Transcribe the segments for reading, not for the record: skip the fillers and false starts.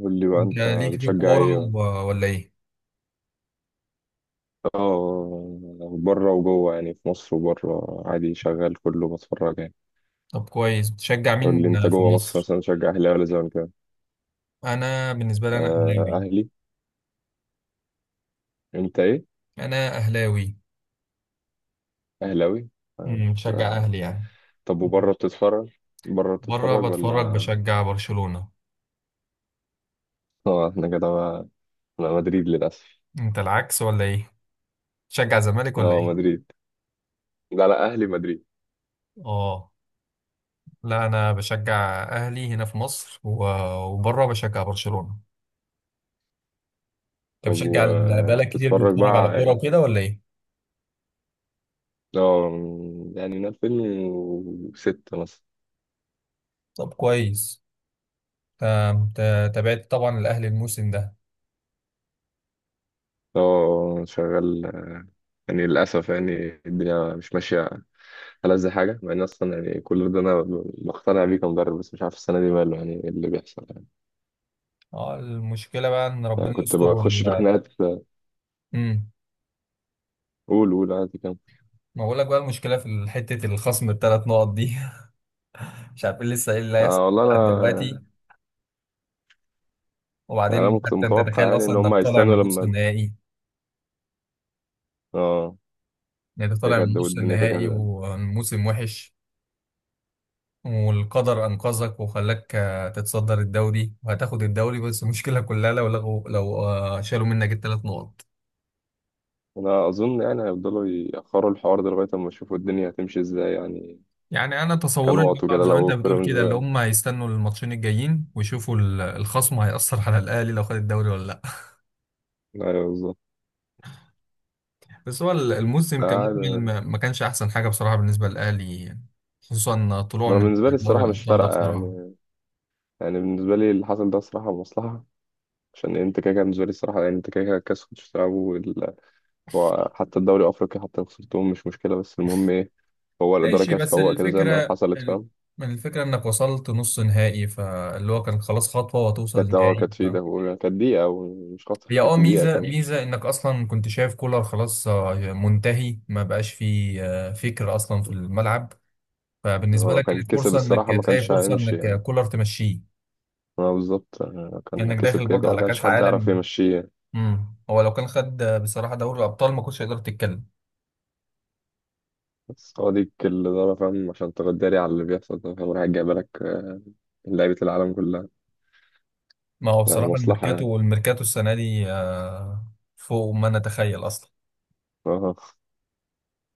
قول لي بقى انت انت ليك في بتشجع الكورة ايه؟ ولا ايه؟ اه، بره وجوه يعني، في مصر وبره عادي شغال، كله بتفرج يعني. طب كويس، بتشجع قول لي مين انت في جوه مصر مصر؟ مثلا بتشجع اهلي ولا زمالك؟ انا بالنسبة لي آه اهلاوي. اهلي. انت ايه؟ انا اهلاوي. اهلاوي. آه مش- بشجع آه. اهلي يعني. طب وبره بتتفرج بره بره بتتفرج بتفرج، ولا؟ بشجع برشلونة. اه احنا كده بقى، انا مدريد للاسف. انت العكس ولا ايه؟ بتشجع زمالك ولا اه ايه؟ مدريد. لا لا اهلي مدريد. اه، لا انا بشجع اهلي هنا في مصر وبره بشجع برشلونة. انت طب بتشجع بقالك كتير وبتتفرج بتتفرج على كورة بقى؟ وكده ولا ايه؟ اه، يعني من 2006 مثلا. طب كويس. تابعت طبعا الاهلي الموسم ده. اه شغال، يعني للأسف يعني الدنيا مش ماشية. ألذ حاجة، مع إن أصلا يعني كل ده أنا مقتنع بيه كمدرب، بس مش عارف السنة دي ماله، يعني إيه اللي بيحصل يعني. اه، المشكلة بقى ان أنا ربنا كنت يستر. بخش في خناقات. امم. قول عادي كام. ما بقول لك بقى، المشكله في حته الخصم الثلاث نقط دي. مش عارفين لسه ايه اللي هيحصل آه والله لحد دلوقتي. أنا يعني، أنا وبعدين كنت حتى انت متوقع تتخيل يعني اصلا إن انك هم طالع هيستنوا من نص لما، النهائي. آه يعني انت طالع من كده، نص والدنيا النهائي كده. والموسم وحش، والقدر انقذك وخلاك تتصدر الدوري وهتاخد الدوري، بس المشكله كلها لو لغوا، لو شالوا منك الثلاث نقط. أنا أظن يعني هيفضلوا يأخروا الحوار ده لغاية أما يشوفوا الدنيا هتمشي إزاي يعني، يعني انا تصوري اللي كنقط هو وكده زي ما انت لو بتقول بيراميدز كده، اللي وقع. هم هيستنوا الماتشين الجايين ويشوفوا الخصم هيأثر على الاهلي لو خد الدوري ولا لا. أيوه بالظبط. بس هو بس الموسم كمجمل عادي. ما كانش احسن حاجه بصراحه بالنسبه للاهلي، خصوصا طلوع أنا من بالنسبة لي دوري الصراحة مش الابطال ده فارقة بصراحه. يعني، يعني بالنسبة لي اللي حصل ده الصراحة مصلحة، عشان انت كده كده بالنسبه لي الصراحه، يعني انت كده كده الكاس كنتش تلعبه هو حتى الدوري الافريقي، حتى لو خسرتهم مش مشكله، بس المهم ايه؟ هو الاداره ماشي، كانت بس تفوق كده زي ما الفكرة حصلت، فاهم. الفكرة انك وصلت نص نهائي، فاللي هو كان خلاص خطوة وهتوصل كانت اه، لنهائي كانت ف... في ده، وكانت دقيقه ومش خاطر هي كانت دقيقه ميزة كمان. ميزة انك اصلا كنت شايف كولر خلاص منتهي، ما بقاش فيه فكر اصلا في الملعب. هو فبالنسبة لو لك كان كانت كسب فرصة انك الصراحه ما تلاقي كانش فرصة هيمشي يعني. انك كولر تمشيه، اه بالظبط، اه كان لانك داخل كسب كده برضه كده ما على كانش كأس حد يعرف عالم. يمشيه يعني. امم، هو لو كان خد بصراحه دوري الابطال ما كنتش هيقدر تتكلم. بس هو دي الاداره، فاهم، عشان تغداري على اللي بيحصل ده، فاهم، رايح جايبه لك لعيبه العالم كلها. ما هو يعني بصراحه مصلحه الميركاتو، يعني. والميركاتو السنه دي فوق ما نتخيل اصلا. اه.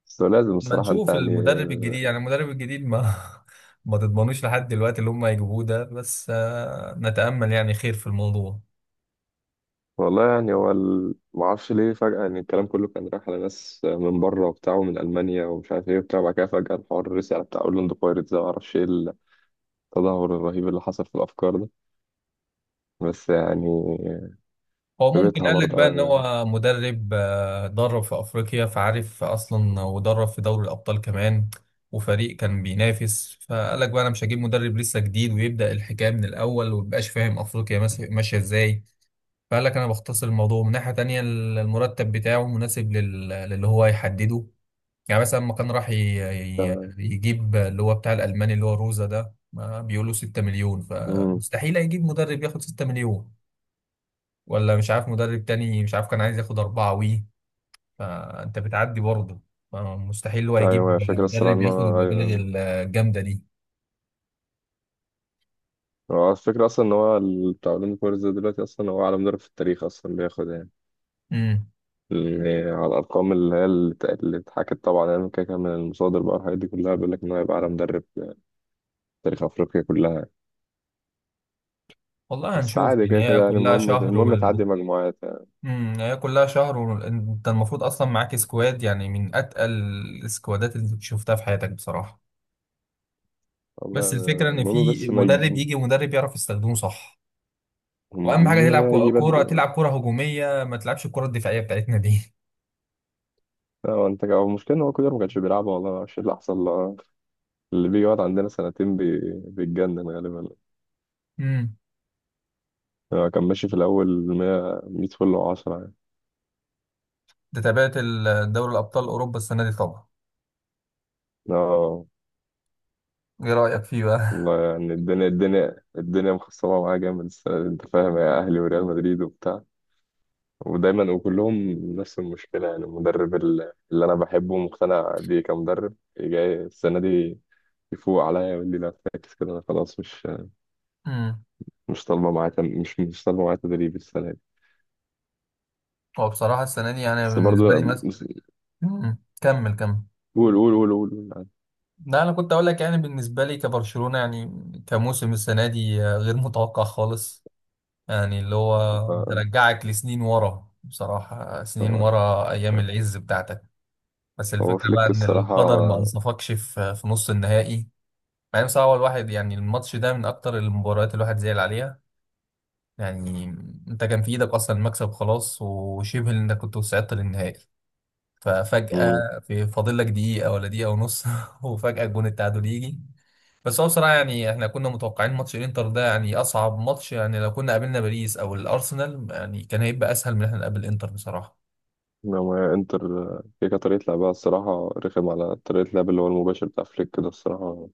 بس هو لازم ما الصراحه انت نشوف يعني. المدرب الجديد، يعني المدرب الجديد ما ما تضمنوش لحد دلوقتي اللي هم هيجيبوه ده، بس نتامل يعني خير في الموضوع. والله يعني هو معرفش ليه فجأة يعني، الكلام كله كان رايح على ناس من بره وبتاع، ومن ألمانيا، ومش عارف ايه وبتاع. بعد كده فجأة الحوار رسي على بتاع أورلاندو بايرتس ده، معرفش ايه التدهور الرهيب اللي حصل في الأفكار ده. بس يعني هو في ممكن بيتها قال لك بقى برضه ان أنا. هو مدرب درب في افريقيا فعارف اصلا، ودرب في دوري الابطال كمان، وفريق كان بينافس، فقال لك بقى انا مش هجيب مدرب لسه جديد ويبدا الحكايه من الاول ومبقاش فاهم افريقيا ماشيه ازاي. فقال لك انا بختصر الموضوع من ناحيه تانية، المرتب بتاعه مناسب للي هو هيحدده. يعني مثلا لما كان راح يجيب اللي هو بتاع الالماني اللي هو روزا ده، ما بيقولوا 6 مليون، امم، فمستحيل هيجيب مدرب ياخد 6 مليون، ولا مش عارف مدرب تاني، مش عارف كان عايز ياخد أربعة وي، فأنت بتعدي برضه. مستحيل هو أيوه يجيب الفكرة الصراحة مدرب إن ياخد هو، المبالغ أيوه الجامدة دي. هو الفكرة أصلا إن هو بتاع أورلاندو بايرتس ده دلوقتي أصلا هو أعلى مدرب في التاريخ أصلا بياخد يعني. امم. يعني على الأرقام اللي هي اللي ات- اللي اتحكت طبعا يعني كده كده من المصادر بقى، الحاجات دي كلها بيقول لك إن هو هيبقى أعلى مدرب في تاريخ أفريقيا كلها. والله بس هنشوف عادي يعني، كده هي كده يعني كلها المهم، شهر المهم والب. تعدي مجموعات يعني. امم، هي كلها شهر، وانت المفروض اصلا معاك سكواد يعني من اتقل السكوادات اللي شفتها في حياتك بصراحة. والله بس الفكرة ان المهم في بس ما مدرب يجي، يجي، مدرب يعرف يستخدمه صح. واهم حاجة المهم تلعب لا يجي بدري كورة، ما. تلعب كورة هجومية، ما تلعبش الكورة الدفاعية بتاعتنا دي. هو انت، هو المشكلة ان هو كولر ما كانش بيلعب والله، ما اعرفش إيه اللي حصل له. اللي بيجي يقعد عندنا سنتين بيتجنن غالبا. امم. هو كان ماشي في الاول 100 100 فل و10 يعني. ده تابعت دوري الابطال اوروبا السنة دي طبعا؟ اه ايه رأيك فيه بقى؟ والله يعني، الدنيا مخصبة معاه جامد السنة دي انت فاهم، يا اهلي وريال مدريد وبتاع، ودايما وكلهم نفس المشكلة. يعني المدرب اللي انا بحبه ومقتنع بيه كمدرب، جاي السنة دي يفوق عليا ويقول لي لا فاكس كده، انا خلاص مش امم. مش طالبه معايا تم- مش مش طالبه معايا تدريب السنه دي. هو بصراحة السنة دي يعني بس بالنسبة لي برضه مثلا، امم، كمل كمل. قول. يعني لا، انا كنت اقول لك يعني بالنسبة لي كبرشلونة يعني، كموسم السنة دي غير متوقع خالص. يعني اللي هو هو ترجعك لسنين ورا بصراحة، سنين هو ورا ايام العز بتاعتك. بس هو الفكرة بقى فليك ان الصراحه. القدر ما انصفكش في نص النهائي. مع ان بصراحة هو الواحد يعني الماتش ده من اكتر المباريات الواحد زعل عليها. يعني انت كان في ايدك اصلا المكسب خلاص، وشبه انك كنت وصعدت للنهائي. ففجأة امم، في فاضل لك دقيقة ولا دقيقة ونص وفجأة جون التعادل يجي. بس هو بصراحة يعني احنا كنا متوقعين ماتش الانتر ده يعني أصعب ماتش، يعني لو كنا قابلنا باريس أو الأرسنال يعني كان هيبقى أسهل من إن احنا نقابل الانتر بصراحة. لما انتر، هي كانت طريقه لعبها الصراحه رخم، على طريقه لعب اللي هو المباشر بتاع فليك ده الصراحه،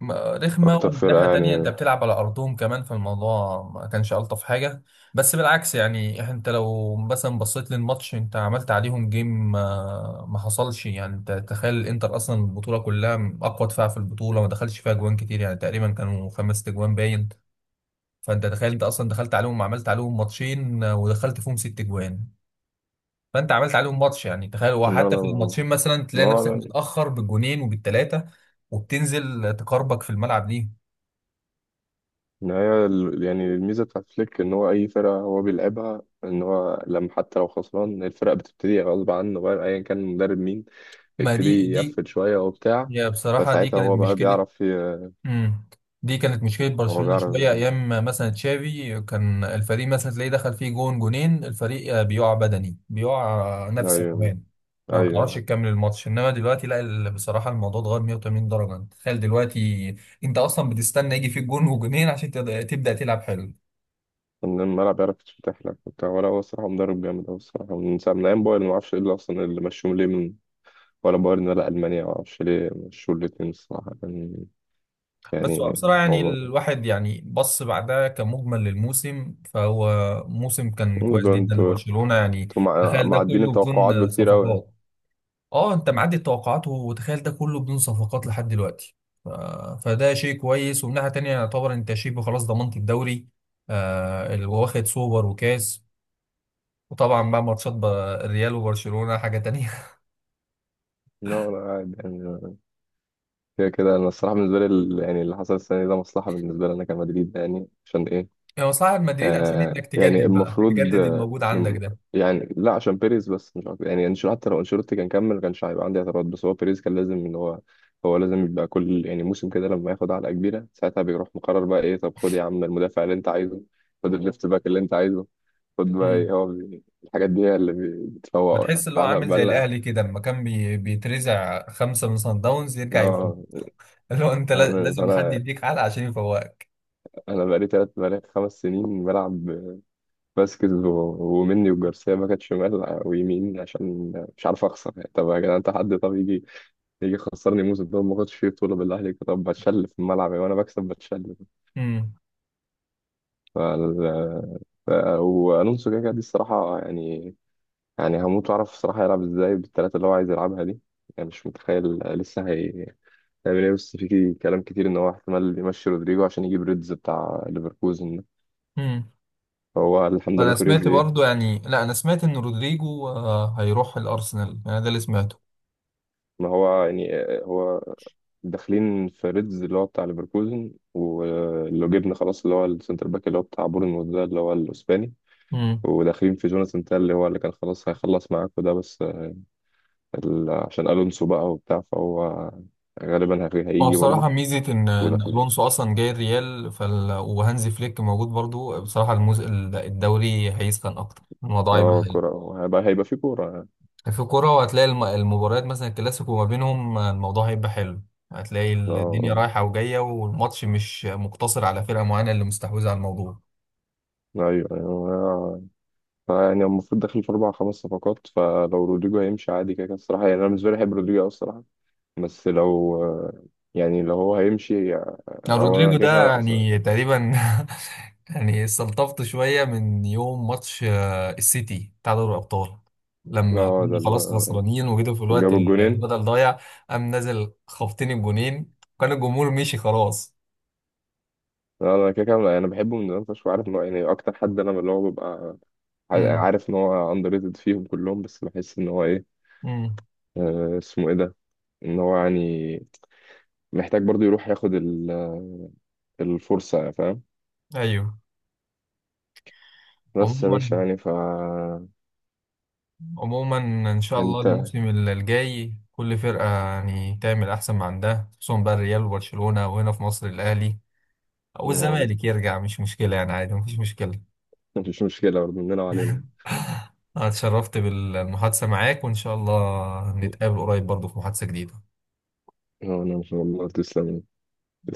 رخمة، اكتر ومن ناحية فرقه تانية انت يعني. بتلعب على ارضهم كمان، في الموضوع ما كانش الطف حاجة. بس بالعكس يعني، انت لو مثلا بصيت للماتش، انت عملت عليهم جيم، ما حصلش. يعني انت تخيل الانتر اصلا البطولة كلها اقوى دفاع في البطولة، ما دخلش فيها جوان كتير، يعني تقريبا كانوا خمس تجوان باين. فانت تخيل انت اصلا دخلت عليهم، عملت عليهم ماتشين ودخلت فيهم ست جوان. فانت عملت عليهم ماتش، يعني تخيل. لا وحتى لا في الماتشين مثلا تلاقي هو نفسك لا متأخر بالجونين وبالتلاتة، وبتنزل تقربك في الملعب ليهم. إن هي يعني الميزه بتاعت فليك ان هو اي فرقه هو بيلعبها، ان هو لما حتى لو خسران الفرقه بتبتدي غصب عنه بقى ايا كان المدرب مين، ما دي يبتدي دي يقفل شوية وبتاع. يا بصراحة دي فساعتها كانت هو بقى مشكلة. بيعرف ي... مم. دي كانت مشكلة هو برشلونة شوية أيام، ما مثلا تشافي كان الفريق مثلا تلاقيه دخل فيه جون جونين، الفريق بيقع بدني، بيقع نفسي أيوة كمان، ما بتعرفش أيوة. تكمل الماتش. إنما دلوقتي لا، بصراحة الموضوع اتغير 180 درجة. تخيل دلوقتي أنت أصلا بتستنى يجي فيك جون وجونين عشان تبدأ تلعب حلو. من الملعب بيعرف يتفتح لك وبتاع. ولا هو الصراحة مدرب جامد أوي الصراحة، من ساعة من أيام بايرن، معرفش إيه اللي أصلا اللي مشوهم ليه من ولا بايرن ولا ألمانيا، معرفش ليه مشوا الاتنين، الصراحة كان بس هو يعني. بصراحة يعني هو الواحد يعني بص، بعدها كمجمل للموسم، فهو موسم كان كويس ده جدا انتوا، لبرشلونة يعني. انتوا تخيل ده معدين كله التوقعات بدون بكتير أوي يعني. صفقات. اه، انت معدي التوقعات، وتخيل ده كله بدون صفقات لحد دلوقتي. ف- فده شيء كويس، ومن ناحية تانية يعتبر انت شبه خلاص ضمنت الدوري، آه اللي واخد سوبر وكاس. وطبعا بقى ماتشات الريال وبرشلونة حاجة تانية. لا لا عادي يعني، كده كده أنا الصراحة بالنسبة لي يعني اللي حصل السنة دي ده مصلحة بالنسبة لي أنا كمدريد يعني. عشان إيه؟ يعني صاحب مدريد، عشان آه انك يعني تجدد بقى، المفروض تجدد آه، الموجود عندك. يعني لا عشان بيريز، بس مش عارف يعني انشيلوتي، حتى لو انشيلوتي كان كمل ما كانش هيبقى عندي اعتراض، بس هو بيريز كان لازم ان هو، هو لازم يبقى كل يعني موسم كده لما ياخد علقه كبيره ساعتها بيروح مقرر بقى ايه، طب خد يا عم المدافع اللي انت عايزه، خد الليفت باك اللي انت عايزه، خد ده بقى إيه، هو الحاجات دي هي اللي بتفوقه يعني، بتحس اللي هو فاحنا عامل زي بقالنا الاهلي كده، لما كان بيترزع خمسه من صن داونز يرجع يفوز. اه. اللي هو انت انا لازم حد فانا يديك علقه عشان يفوقك. انا بقالي تلات بقالي 5 سنين بلعب فاسكيز ومني وجارسيا باكت شمال ويمين، عشان مش عارف اخسر يعني. طب يا جدعان انت حد، طب يجي يخسرني موسم ده، ما خدتش فيه بطوله بالله عليك، طب بتشل في الملعب يعني، وانا بكسب بتشل امم. فال... ف... والونسو كده كده دي الصراحه يعني، يعني هموت واعرف الصراحه يلعب ازاي بالثلاثه اللي هو عايز يلعبها دي، يعني مش متخيل لسه هي هيعمل ايه. بس في كلام كتير ان هو احتمال يمشي رودريجو عشان يجيب ريدز بتاع ليفركوزن ده. امم. هو الحمد لله انا بيريز سمعت ايه. برضو يعني، لا، انا سمعت ان رودريجو هيروح الارسنال، انا ده اللي سمعته. ما هو يعني، هو داخلين في ريدز اللي هو بتاع ليفركوزن، ولو جبنا خلاص اللي هو السنتر باك اللي هو بتاع بورنموث ده اللي هو الاسباني، امم. وداخلين في جوناثان تال اللي هو اللي كان خلاص هيخلص معاكوا ده، بس عشان الونسو بقى وبتاع فهو غالبا هو هيجي بصراحه برضه ميزه إن وداخلين. الونسو اصلا جاي الريال وهانزي فليك موجود برضو بصراحه. الدوري هيسخن اكتر، الموضوع يبقى اه كورة، هيبقى في كورة يعني. في الكورة، وهتلاقي المباريات مثلا الكلاسيكو ما بينهم الموضوع هيبقى حلو. هتلاقي الدنيا اه رايحة وجاية، والماتش مش مقتصر على فرقة معينة اللي مستحوذة على الموضوع. ايوه. يعني المفروض داخل في 4 5 صفقات، فلو رودريجو هيمشي عادي كده كده الصراحة. يعني انا بالنسبة لي بحب رودريجو أوي الصراحة، بس لو يعني لو هو هيمشي، أنا او انا رودريجو كده ده كده اصلا يعني تقريبا يعني استلطفت شوية من يوم ماتش السيتي بتاع دوري الأبطال، لما اه. ده كنتوا اللي خلاص خسرانين وجيتوا في الوقت جاب الجونين. البدل ضايع، قام نازل خبطين الجونين، وكان الجمهور مشي خلاص. لا، انا كده كده انا بحبه من زمان فشخ، وعارف ان هو يعني اكتر حد انا اللي هو ببقى امم. عارف ان هو اندر ريتد فيهم كلهم، بس بحس ان هو ايه، امم. آه، اسمه ايه ده، ان هو يعني محتاج برضو يروح ياخد الفرصة يعني فاهم. ايوه. بس يا باشا عموما، يعني ف، عموما، ان شاء الله انت الموسم الجاي كل فرقه يعني تعمل احسن ما عندها، خصوصا بقى الريال وبرشلونه، وهنا في مصر الاهلي او ما- الزمالك يرجع مش مشكله يعني، عادي مفيش مشكله. مفيش مشكلة برضه مننا وعلينا. انا اتشرفت بالمحادثه معاك، وان شاء الله نتقابل قريب برضه في محادثه جديده. انا ان شاء الله تسلم.